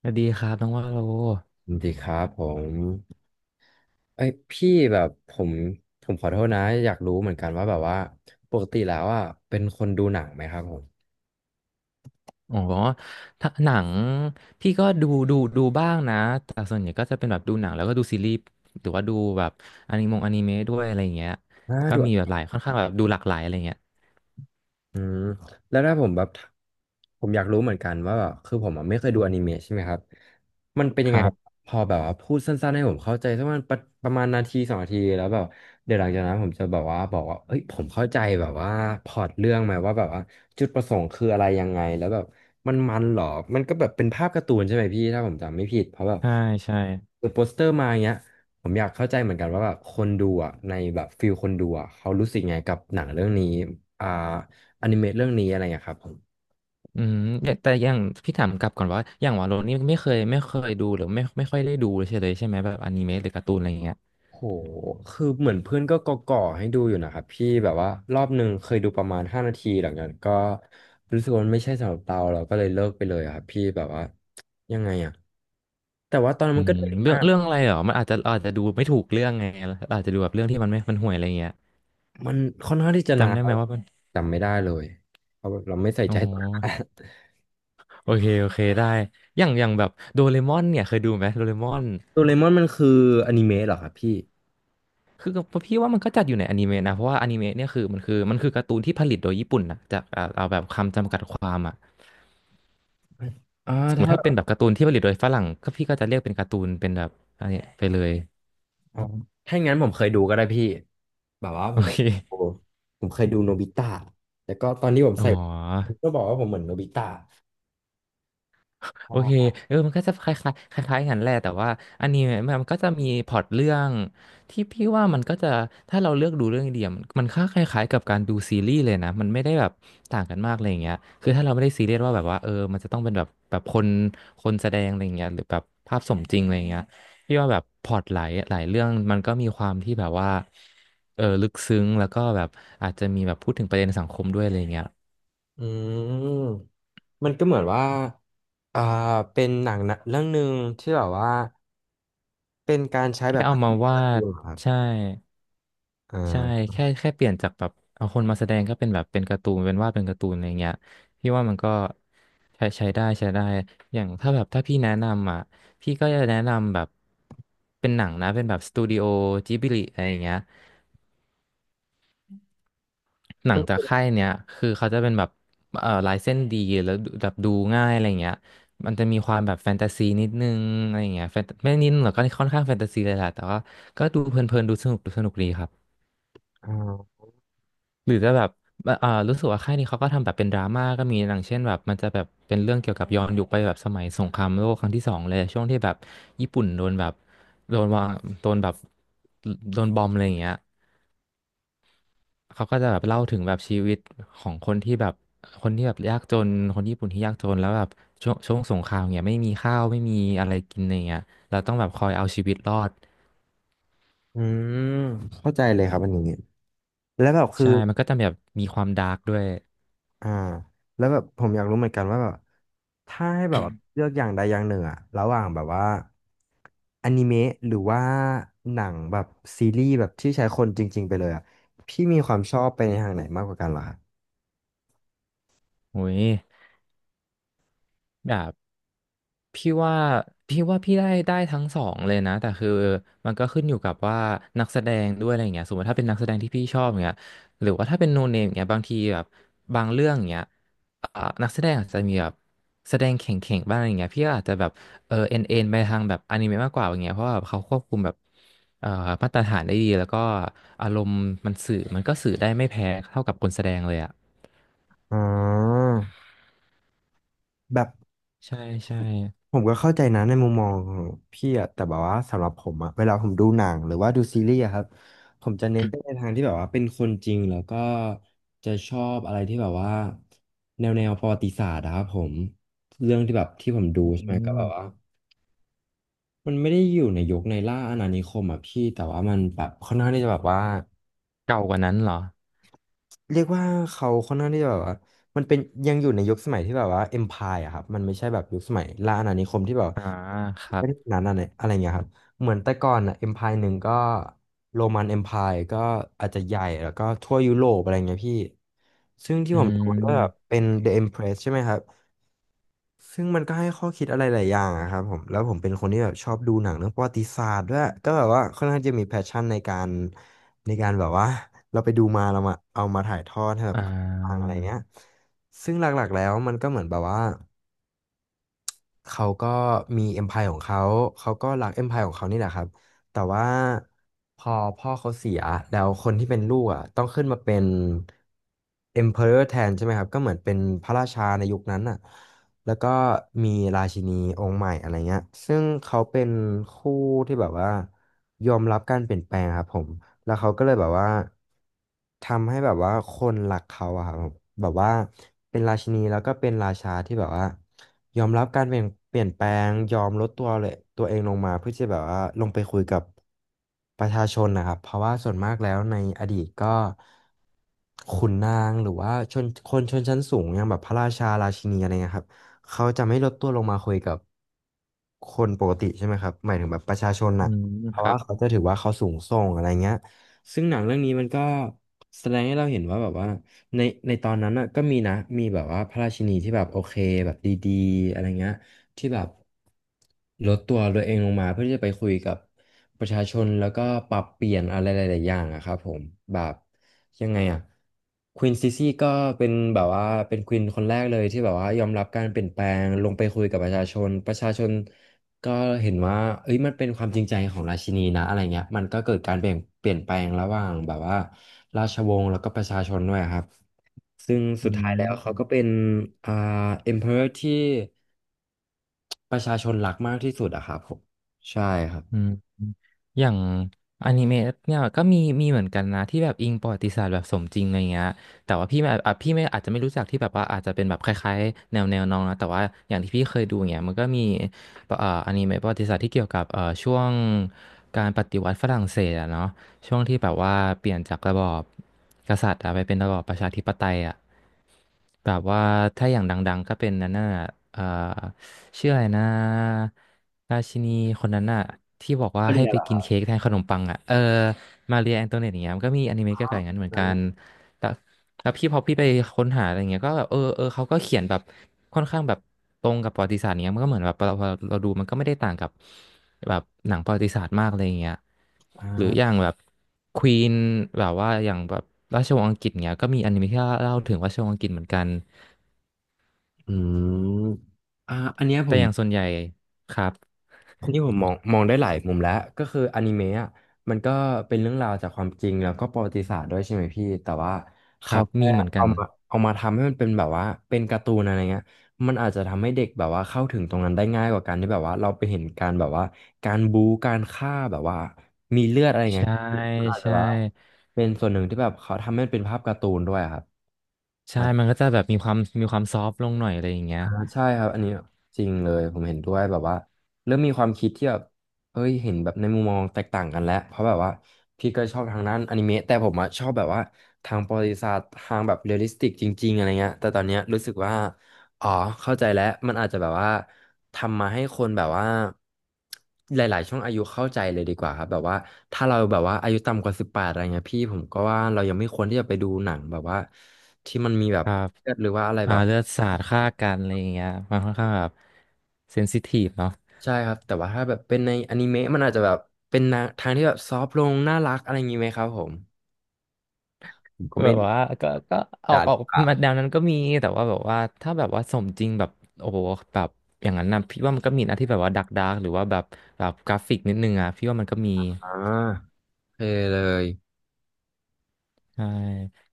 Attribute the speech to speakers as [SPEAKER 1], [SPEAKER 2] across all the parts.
[SPEAKER 1] สวัสดีครับน้องว่าโล
[SPEAKER 2] สวัสดีครับผมเอ้ยพี่แบบผมผมขอโทษนะอยากรู้เหมือนกันว่าแบบว่าปกติแล้วอ่ะเป็นคนดูหนังไหมครับผม
[SPEAKER 1] อ๋อถ้าหนังพี่ก็ดูบ้างนะแต่ส่วนใหญ่ก็จะเป็นแบบดูหนังแล้วก็ดูซีรีส์หรือว่าดูแบบอนิเมะด้วยอะไรอย่างเงี้ย
[SPEAKER 2] อ่า
[SPEAKER 1] ก็
[SPEAKER 2] ดู
[SPEAKER 1] มีแบบหลายค่อนข้างแบบดูหลากหลายอะไรเงี้ย
[SPEAKER 2] อืมแล้วถ้าผมแบบผมอยากรู้เหมือนกันว่าแบบคือผมอ่ะไม่เคยดูอนิเมะใช่ไหมครับมันเป็น
[SPEAKER 1] ค
[SPEAKER 2] ยังไง
[SPEAKER 1] รับ
[SPEAKER 2] พอแบบว่าพูดสั้นๆให้ผมเข้าใจสักประมาณประมาณนาทีสองนาทีแล้วแบบเดี๋ยวหลังจากนั้นผมจะแบบว่าบอกว่าเอ้ยผมเข้าใจแบบว่าพล็อตเรื่องไหมว่าแบบว่าจุดประสงค์คืออะไรยังไงแล้วแบบมันเหรอมันก็แบบเป็นภาพการ์ตูนใช่ไหมพี่ถ้าผมจำไม่ผิดเพราะแบบ
[SPEAKER 1] ใช่ใช่
[SPEAKER 2] เปิดโปสเตอร์มาอย่างเงี้ยผมอยากเข้าใจเหมือนกันว่าแบบคนดูอ่ะในแบบฟิลคนดูอ่ะเขารู้สึกไงกับหนังเรื่องนี้อ่า อนิเมะเรื่องนี้อะไรอย่างเงี้ยครับผม
[SPEAKER 1] อืมแต่อย่างพี่ถามกลับก่อนว่าอย่างว่าโลนี่ไม่เคยดูหรือไม่ค่อยได้ดูเลยใช่ไหมแบบอนิเมะหรือการ์ตูนอะไรอย่างเงี้ย
[SPEAKER 2] โหคือเหมือนเพื่อนก็ก่อให้ดูอยู่นะครับพี่แบบว่ารอบหนึ่งเคยดูประมาณห้านาทีหลังจากนั้นก็รู้สึกว่ามันไม่ใช่สำหรับเราก็เลยเลิกไปเลยอะครับพี่แบบว่ายังไงอะแต่ว่าตอนนั้น
[SPEAKER 1] อื
[SPEAKER 2] มันก็
[SPEAKER 1] ม
[SPEAKER 2] เด็ก
[SPEAKER 1] เรื่อ
[SPEAKER 2] มา
[SPEAKER 1] ง
[SPEAKER 2] ก
[SPEAKER 1] เรื่องอะไรเหรอมันอาจจะดูไม่ถูกเรื่องไงอาจจะดูแบบเรื่องที่มันห่วยอะไรอย่างเงี้ย
[SPEAKER 2] มันค่อนข้างที่จะนา
[SPEAKER 1] จำ
[SPEAKER 2] น
[SPEAKER 1] ได้ไห
[SPEAKER 2] เรา
[SPEAKER 1] มว่ามัน
[SPEAKER 2] จำไม่ได้เลยเพราะเราไม่ใส่
[SPEAKER 1] อ๋อ
[SPEAKER 2] ใจตัว
[SPEAKER 1] โอเคได้ อย่างแบบโดเรมอนเนี่ยเคยดูไหมโดเรมอน
[SPEAKER 2] โดเรมอนมันคืออนิเมะเหรอครับพี่
[SPEAKER 1] คือพี่ว่ามันก็จัดอยู่ในอนิเมะนะเพราะว่าอนิเมะเนี่ยคือการ์ตูนที่ผลิตโดยญี่ปุ่นนะจากเอาแบบคำจำกัดความอ่ะ
[SPEAKER 2] อ่า
[SPEAKER 1] สมมติถ้าเป็น
[SPEAKER 2] ถ้า
[SPEAKER 1] แบบการ์ตูนที่ผลิตโดยฝรั่งก็พี่ก็จะเรียกเป็นการ์ตูนเป็นแบบอันเนี้ยไปเลย
[SPEAKER 2] อ๋อถ้าอย่างนั้นผมเคยดูก็ได้พี่ แบบว่าผ
[SPEAKER 1] โอ
[SPEAKER 2] ม
[SPEAKER 1] เค
[SPEAKER 2] โอ้โหผมเคยดูโนบิตะแล้วก็ตอนที่ผม
[SPEAKER 1] อ๋อ
[SPEAKER 2] ใส่ผมก็บอกว่าผมเหมือนโนบิตะอ่
[SPEAKER 1] โอเค
[SPEAKER 2] า
[SPEAKER 1] เออมันก็จะคล้ายๆกันแหละแต่ว่าอันนี้มันก็จะมีพล็อตเรื่องที่พี่ว่ามันก็จะถ้าเราเลือกดูเรื่องเดียวมันค่าคล้ายๆกับการดูซีรีส์เลยนะมันไม่ได้แบบต่างกันมากอะไรอย่างเงี้ยคือถ้าเราไม่ได้ซีเรียสว่าเออมันจะต้องเป็นแบบคนแสดงอะไรอย่างเงี้ยหรือแบบภาพสมจริงอะไรอย่างเงี้ยพี่ว่าแบบพล็อตหลายเรื่องมันก็มีความที่แบบว่าเออลึกซึ้งแล้วก็แบบอาจจะมีแบบพูดถึงประเด็นสังคมด้วยอะไรอย่างเงี้ย
[SPEAKER 2] อืมมันก็เหมือนว่าอ่าเป็นหนังนะเรื่องหนึ่งที่แบบว่าเป็นการใช้
[SPEAKER 1] แค่
[SPEAKER 2] แบบ
[SPEAKER 1] เอา
[SPEAKER 2] การ์
[SPEAKER 1] มา
[SPEAKER 2] ตูน
[SPEAKER 1] วาด
[SPEAKER 2] เหรอครับ
[SPEAKER 1] ใช่
[SPEAKER 2] อ่
[SPEAKER 1] ใช่
[SPEAKER 2] า
[SPEAKER 1] แค่เปลี่ยนจากแบบเอาคนมาแสดงก็เป็นแบบเป็นการ์ตูนเป็นวาดเป็นการ์ตูนอะไรเงี้ยพี่ว่ามันก็ใช้ได้อย่างถ้าแบบถ้าพี่แนะนำอ่ะพี่ก็จะแนะนำแบบเป็นหนังนะเป็นแบบสตูดิโอจิบลิอะไรอย่างเงี้ยหนังจากค่ายเนี้ยคือเขาจะเป็นแบบลายเส้นดีแล้วดูแบบดูง่ายอะไรเงี้ยมันจะมีความแบบแฟนตาซีนิดนึงอะไรเงี้ยแฟนไม่นิดหรอกก็ค่อนข้างแฟนตาซีเลยแหละแต่ว่าก็ดูเพลินๆดูสนุกดีครับ
[SPEAKER 2] อ่า
[SPEAKER 1] หรือจะแบบอ่ารู้สึกว่าค่ายนี้เขาก็ทำแบบเป็นดราม่าก็มีอย่างเช่นแบบมันจะแบบเป็นเรื่องเกี่ยวกับย้อนยุคไปแบบสมัยสงครามโลกครั้งที่สองเลยช่วงที่แบบญี่ปุ่นโดนแบบโดนวางโดนแบบโดนบอมอะไรอย่างเงี้ยเขาก็จะแบบเล่าถึงแบบชีวิตของคนที่แบบยากจนคนญี่ปุ่นที่ยากจนแล้วแบบช่วงสงครามเนี่ยไม่มีข้าวไม่มีอะไรกินอะไรเงี้ยเราต้องแบบคอยเอาชีวิตรอด
[SPEAKER 2] อืมเข้าใจเลยครับอันนี้แล้วแบบคือ
[SPEAKER 1] ใช่มันก็จะแบบมีความดาร์กด้วย
[SPEAKER 2] อ่าแล้วแบบผมอยากรู้เหมือนกันว่าแบบถ้าให้แบบว่าเลือกอย่างใดอย่างหนึ่งอะระหว่างแบบว่าอนิเมะหรือว่าหนังแบบซีรีส์แบบที่ใช้คนจริงๆไปเลยอะพี่มีความชอบไปในทางไหนมากกว่ากันเหรอ
[SPEAKER 1] โอ้ยแบบ พี่ว่าพี่ว่าพี่ได้ทั้งสองเลยนะแต่คือมันก็ขึ้นอยู่กับว่านักแสดงด้วยอะไรอย่างเงี้ยสมมติถ้าเป็นนักแสดงที่พี่ชอบอย่างเงี้ยหรือว่าถ้าเป็นโนเนมอย่างเงี้ยบางทีแบบบางเรื่องอย่างเงี้ยอ่านักแสดงอาจจะมีแบบแสดงเข่งๆบ้างอะไรอย่างเงี้ยพี่ก็อาจจะแบบเออเอ็นไปทางแบบอนิเมะมากกว่าอย่างเงี้ยเพราะว่าแบบเขาควบคุมแบบเอ่อมาตรฐานได้ดีแล้วก็อารมณ์มันก็สื่อได้ไม่แพ้เท่ากับคนแสดงเลยอ่ะ
[SPEAKER 2] อ๋อแบบ
[SPEAKER 1] ใช่ใช่
[SPEAKER 2] ผมก็เข้าใจนะในมุมมองของพี่อะแต่แบบว่าสำหรับผมอะเวลาผมดูหนังหรือว่าดูซีรีส์อะครับผมจะเน้นไปในทางที่แบบว่าเป็นคนจริงแล้วก็จะชอบอะไรที่แบบว่าแนวประวัติศาสตร์อะครับผมเรื่องที่แบบที่ผมดู
[SPEAKER 1] อื
[SPEAKER 2] ใช่ไหมก็แบ
[SPEAKER 1] ม
[SPEAKER 2] บว่ามันไม่ได้อยู่ในยุคในล่าอาณานิคมอะพี่แต่ว่ามันแบบค่อนข้างที่จะแบบว่า
[SPEAKER 1] เก่ากว่านั้นเหรอ
[SPEAKER 2] เรียกว่าเขาค่อนข้างที่จะแบบว่ามันเป็นยังอยู่ในยุคสมัยที่แบบว่าเอ็มพายอะครับมันไม่ใช่แบบยุคสมัยล่าอาณานิคมที่แบบ
[SPEAKER 1] อ่าครั
[SPEAKER 2] เป็
[SPEAKER 1] บ
[SPEAKER 2] นนั้นอะไรอะไรเงี้ยครับเหมือนแต่ก่อนอะเอ็มพายหนึ่งก็โรมันเอ็มพายก็อาจจะใหญ่แล้วก็ทั่วยุโรปอะไรเงี้ยพี่ซึ่งที่
[SPEAKER 1] อื
[SPEAKER 2] ผมดูก็แบบ
[SPEAKER 1] ม
[SPEAKER 2] เป็น The Empress ใช่ไหมครับ ซึ่งมันก็ให้ข้อคิดอะไรหลายอย่างอะครับผมแล้วผมเป็นคนที่แบบชอบดูหนังเรื่องประวัติศาสตร์ด้วยก็แบบว่าค่อนข้างจะมีแพชชั่นในการในการแบบว่าเราไปดูมาเรามาเอามาถ่ายทอดให้แบบ
[SPEAKER 1] อ่
[SPEAKER 2] ฟังอะ
[SPEAKER 1] า
[SPEAKER 2] ไรเงี้ยซึ่งหลักๆแล้วมันก็เหมือนแบบว่า เขาก็มี empire ของเขาเขาก็รัก empire ของเขานี่แหละครับแต่ว่าพอพ่อเขาเสียแล้วคนที่เป็นลูกอ่ะต้องขึ้นมาเป็น emperor แทนใช่ไหมครับก็เหมือนเป็นพระราชาในยุคนั้นอ่ะแล้วก็มีราชินีองค์ใหม่อะไรเงี้ยซึ่งเขาเป็นคู่ที่แบบว่ายอมรับการเปลี่ยนแปลงครับผม แล้วเขาก็เลยแบบว่าทำให้แบบว่าคนรักเขาอะครับแบบว่าเป็นราชินีแล้วก็เป็นราชาที่แบบว่ายอมรับการเปลี่ยนแปลงยอมลดตัวเลยตัวเองลงมาเพื่อจะแบบว่าลงไปคุยกับประชาชนนะครับเพราะว่าส่วนมากแล้วในอดีตก็ขุนนางหรือว่าคนชนชั้นสูงอย่างแบบพระราชาราชินีอะไรเงี้ยครับเขาจะไม่ลดตัวลงมาคุยกับคนปกติใช่ไหมครับหมายถึงแบบประชาชน
[SPEAKER 1] อื
[SPEAKER 2] น่ะ
[SPEAKER 1] ม
[SPEAKER 2] เพ
[SPEAKER 1] ค
[SPEAKER 2] ราะ
[SPEAKER 1] รั
[SPEAKER 2] ว่า
[SPEAKER 1] บ
[SPEAKER 2] เขาจะถือว่าเขาสูงส่งอะไรเงี้ย ซึ่งหนังเรื่องนี้มันก็แสดงให้เราเห็นว่าแบบว่าในในตอนนั้นน่ะก็มีนะมีแบบว่าพระราชินีที่แบบโอเคแบบดีๆอะไรเงี้ยที่แบบลดตัวเองลงมาเพื่อที่จะไปคุยกับประชาชนแล้วก็ปรับเปลี่ยนอะไรหลายๆอย่างอะครับผมแบบยังไงอะควีนซิซี่ก็เป็นแบบว่าเป็นควีนคนแรกเลยที่แบบว่ายอมรับการเปลี่ยนแปลงลงไปคุยกับประชาชน ก็เห็นว่าเอ้ยมันเป็นความจริงใจของราชินีนะอะไรเงี้ยมันก็เกิดการเปลี่ยนแปลงระหว่างแบบว่าราชวงศ์แล้วก็ประชาชนด้วยครับซึ่งสุ
[SPEAKER 1] อื
[SPEAKER 2] ดท้ายแล้วเขาก็เป็
[SPEAKER 1] ม
[SPEAKER 2] นอ่า emperor ที่ประชาชนรักมากที่สุดอะครับผมใช่ครับ
[SPEAKER 1] อืมอย่างอนิเมะเนี่ยก็มีเหมือนกันนะที่แบบอิงประวัติศาสตร์แบบสมจริงอะไรเงี้ยแต่ว่าพี่ไม่อ่ะพี่ไม่อาจจะไม่รู้จักที่แบบว่าอาจจะเป็นแบบคล้ายๆแนวน้องนะแต่ว่าอย่างที่พี่เคยดูเงี้ยมันก็มีอนิเมะประวัติศาสตร์ที่เกี่ยวกับช่วงการปฏิวัติฝรั่งเศสอะเนาะช่วงที่แบบว่าเปลี่ยนจากระบอบกษัตริย์อะไปเป็นระบอบประชาธิปไตยอะแบบว่าถ้าอย่างดังๆก็เป็นนั่นน่ะเอ่อ ชื่ออะไรนะราชินีคนนั้นอะที่บอกว่า
[SPEAKER 2] ก็
[SPEAKER 1] ให้
[SPEAKER 2] เรียน
[SPEAKER 1] ไป
[SPEAKER 2] เหรอ
[SPEAKER 1] กินเค้กแทนขนมปังอะเออมาเรียแองโตเนตอย่างเงี้ยมันก็มีอนิเมะเกี่ยวกับอย่างนั้นเหมือน
[SPEAKER 2] นั่น
[SPEAKER 1] กั
[SPEAKER 2] แหละ
[SPEAKER 1] นแล้วแล้วพี่พอพี่ไปค้นหาอะไรเงี้ยก็แบบเออเขาก็เขียนแบบค่อนข้างแบบตรงกับประวัติศาสตร์เนี้ยมันก็เหมือนแบบเราดูมันก็ไม่ได้ต่างกับแบบหนังประวัติศาสตร์มากอะไรเงี้ยหรืออ
[SPEAKER 2] อ่า
[SPEAKER 1] ย่างแบบควีนแบบว่าอย่างแบบราชวงศ์อังกฤษเนี้ยก็มีอนิเมะที่เล่าถึงราชวงศ์อังกฤษเหมือนกัน
[SPEAKER 2] อืมอันเนี้ยผ
[SPEAKER 1] แต่
[SPEAKER 2] ม
[SPEAKER 1] อย่างส่วนใหญ่ครับ
[SPEAKER 2] นที่ผมมองได้หลายมุมแล้วก็คืออนิเมะอะมันก็เป็นเรื่องราวจากความจริงแล้วก็ประวัติศาสตร์ด้วยใช่ไหมพี่แต่ว่า
[SPEAKER 1] ค
[SPEAKER 2] เขา
[SPEAKER 1] รับ
[SPEAKER 2] แค่
[SPEAKER 1] มีเหมือนกั
[SPEAKER 2] เอา
[SPEAKER 1] น
[SPEAKER 2] มาเอามาทำให้มันเป็นแบบว่าเป็นการ์ตูนอะไรเงี้ยมันอาจจะทำให้เด็กแบบว่าเข้าถึงตรงนั้นได้ง่ายกว่าการที่แบบว่าเราไปเห็นการแบบว่าการบู๊การฆ่าแบบว่ามีเลือดอะไรเงี้ย
[SPEAKER 1] ใช่
[SPEAKER 2] มันอาจจะ
[SPEAKER 1] ใช่
[SPEAKER 2] แบบว่าเป็นส่วนหนึ่งที่แบบเขาทำให้มันเป็นภาพการ์ตูนด้วยอะครับ
[SPEAKER 1] ใช่ มันก็จะแบบมีความซอฟต์ลงหน่อยอะไรอย่างเงี้ย
[SPEAKER 2] อ่าใช่ครับอันนี้จริงเลยผมเห็นด้วยแบบว่าเริ่มมีความคิดที่แบบเฮ้ยเห็นแบบในมุมมองแตกต่างกันแล้วเพราะแบบว่าพี่ก็ชอบทางด้านอนิเมะแต่ผมอะชอบแบบว่าทางประวัติศาสตร์ทางแบบเรียลลิสติกจริงๆอะไรเงี้ยแต่ตอนเนี้ยรู้สึกว่าอ๋อเข้าใจแล้วมันอาจจะแบบว่าทำมาให้คนแบบว่าหลายๆช่วงอายุเข้าใจเลยดีกว่าครับแบบว่าถ้าเราแบบว่าอายุต่ำกว่า18อะไรเงี้ยพี่ผมก็ว่าเรายังไม่ควรที่จะไปดูหนังแบบว่าที่มันมีแบ
[SPEAKER 1] ค
[SPEAKER 2] บ
[SPEAKER 1] รับ
[SPEAKER 2] เลือดหรือว่าอะไร
[SPEAKER 1] อ่า
[SPEAKER 2] แบบ
[SPEAKER 1] เลือดสาดฆ่ากันอะไรอย่างเงี้ยมันค่อนข้างแบบเซนซิทีฟเนาะ
[SPEAKER 2] ใช่ครับแต่ว่าถ้าแบบเป็นในอนิเมะมันอาจจะแบบเป็นนะทางที่แบบซอฟต์ลงน่ารักอะไรอย่างนี้ไหมครับผมผมก็
[SPEAKER 1] แบ
[SPEAKER 2] ไม่
[SPEAKER 1] บ
[SPEAKER 2] รู้
[SPEAKER 1] ว่าก็ออ
[SPEAKER 2] ด่า
[SPEAKER 1] ก
[SPEAKER 2] ห
[SPEAKER 1] อ
[SPEAKER 2] รื
[SPEAKER 1] อก
[SPEAKER 2] อเปล่า
[SPEAKER 1] มาแนวนั้นก็มีแต่ว่าแบบว่าถ้าแบบว่าสมจริงแบบโอ้โหแบบอย่างนั้นนะพี่ว่ามันก็มีนะที่แบบว่าดักดาร์กหรือว่าแบบแบบกราฟิกนิดนึงอ่ะพี่ว่ามันก็มี
[SPEAKER 2] อ่าโอเคเลย
[SPEAKER 1] ใช่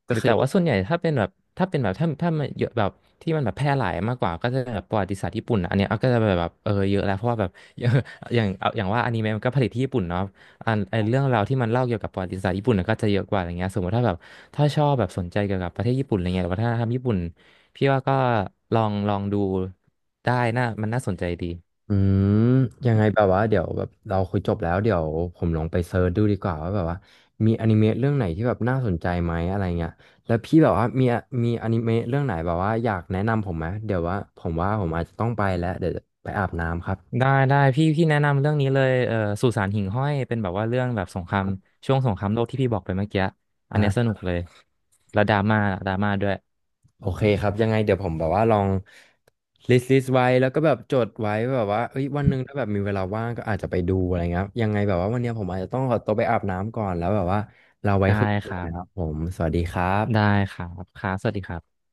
[SPEAKER 2] ก็
[SPEAKER 1] หรือ
[SPEAKER 2] คือ
[SPEAKER 1] แต่ว่าส่วนใหญ่ถ้าเป็นแบบถ้ามันเยอะแบบที่มันแบบแพร่หลายมากกว่าก็จะแบบประวัติศาสตร์ญี่ปุ่นอะอันเนี้ยเอาก็จะแบบเออเยอะแล้วเพราะว่าแบบ อย่างเอาอย่างว่าอนิเมะมันก็ผลิตที่ญี่ปุ่นเนาะอันไอเรื่องราวที่มันเล่าเกี่ยวกับประวัติศาสตร์ญี่ปุ่นน่ะก็จะเยอะกว่าอย่างเงี้ยสมมติถ้าแบบถ้าชอบแบบสนใจเกี่ยวกับประเทศญี่ปุ่นอะไรเงี้ยหรือวัฒนธรรมญี่ปุ่นพี่ว่าก็ลองดูได้น่ามันน่าสนใจดี
[SPEAKER 2] อืมยังไงแบบว่าเดี๋ยวแบบเราคุยจบแล้วเดี๋ยวผมลองไปเซิร์ชดูดีกว่าว่าแบบว่ามีอนิเมะเรื่องไหนที่แบบน่าสนใจไหมอะไรเงี้ยแล้วพี่แบบว่ามีอนิเมะเรื่องไหนแบบว่าอยากแนะนำผมไหมเดี๋ยวว่าผมอาจจะต้องไปแล้วเดี๋ยวจะไปอาบน้ำครับ
[SPEAKER 1] ได้พี่แนะนำเรื่องนี้เลยสุสานหิ่งห้อยเป็นแบบว่าเรื่องแบบสงครามช่วงสงครามโลกที่พี่บอกไปเมื่อกี้อั
[SPEAKER 2] อ่
[SPEAKER 1] นเนี้ยสนุ
[SPEAKER 2] า
[SPEAKER 1] กเลยแล้วดราม่าด้วย
[SPEAKER 2] โอเคครับยังไงเดี๋ยวผมแบบว่าลองลิสต์ไว้แล้วก็แบบจดไว้แบบว่าเอ้ยวันหนึ่งถ้าแบบมีเวลาว่างก็อาจจะไปดูอะไรเงี้ยครับยังไงแบบว่าวันเนี้ยผมอาจจะต้องขอตัวไปอาบน้ำก่อนแล้วแบบว่าเราไว้
[SPEAKER 1] ได้
[SPEAKER 2] คุยกัน
[SPEAKER 1] ค
[SPEAKER 2] ใหม่
[SPEAKER 1] รั
[SPEAKER 2] นะครับ
[SPEAKER 1] บ
[SPEAKER 2] ผมสวัสดีครั
[SPEAKER 1] ได้
[SPEAKER 2] บ
[SPEAKER 1] ครับครับสวัสดีครับ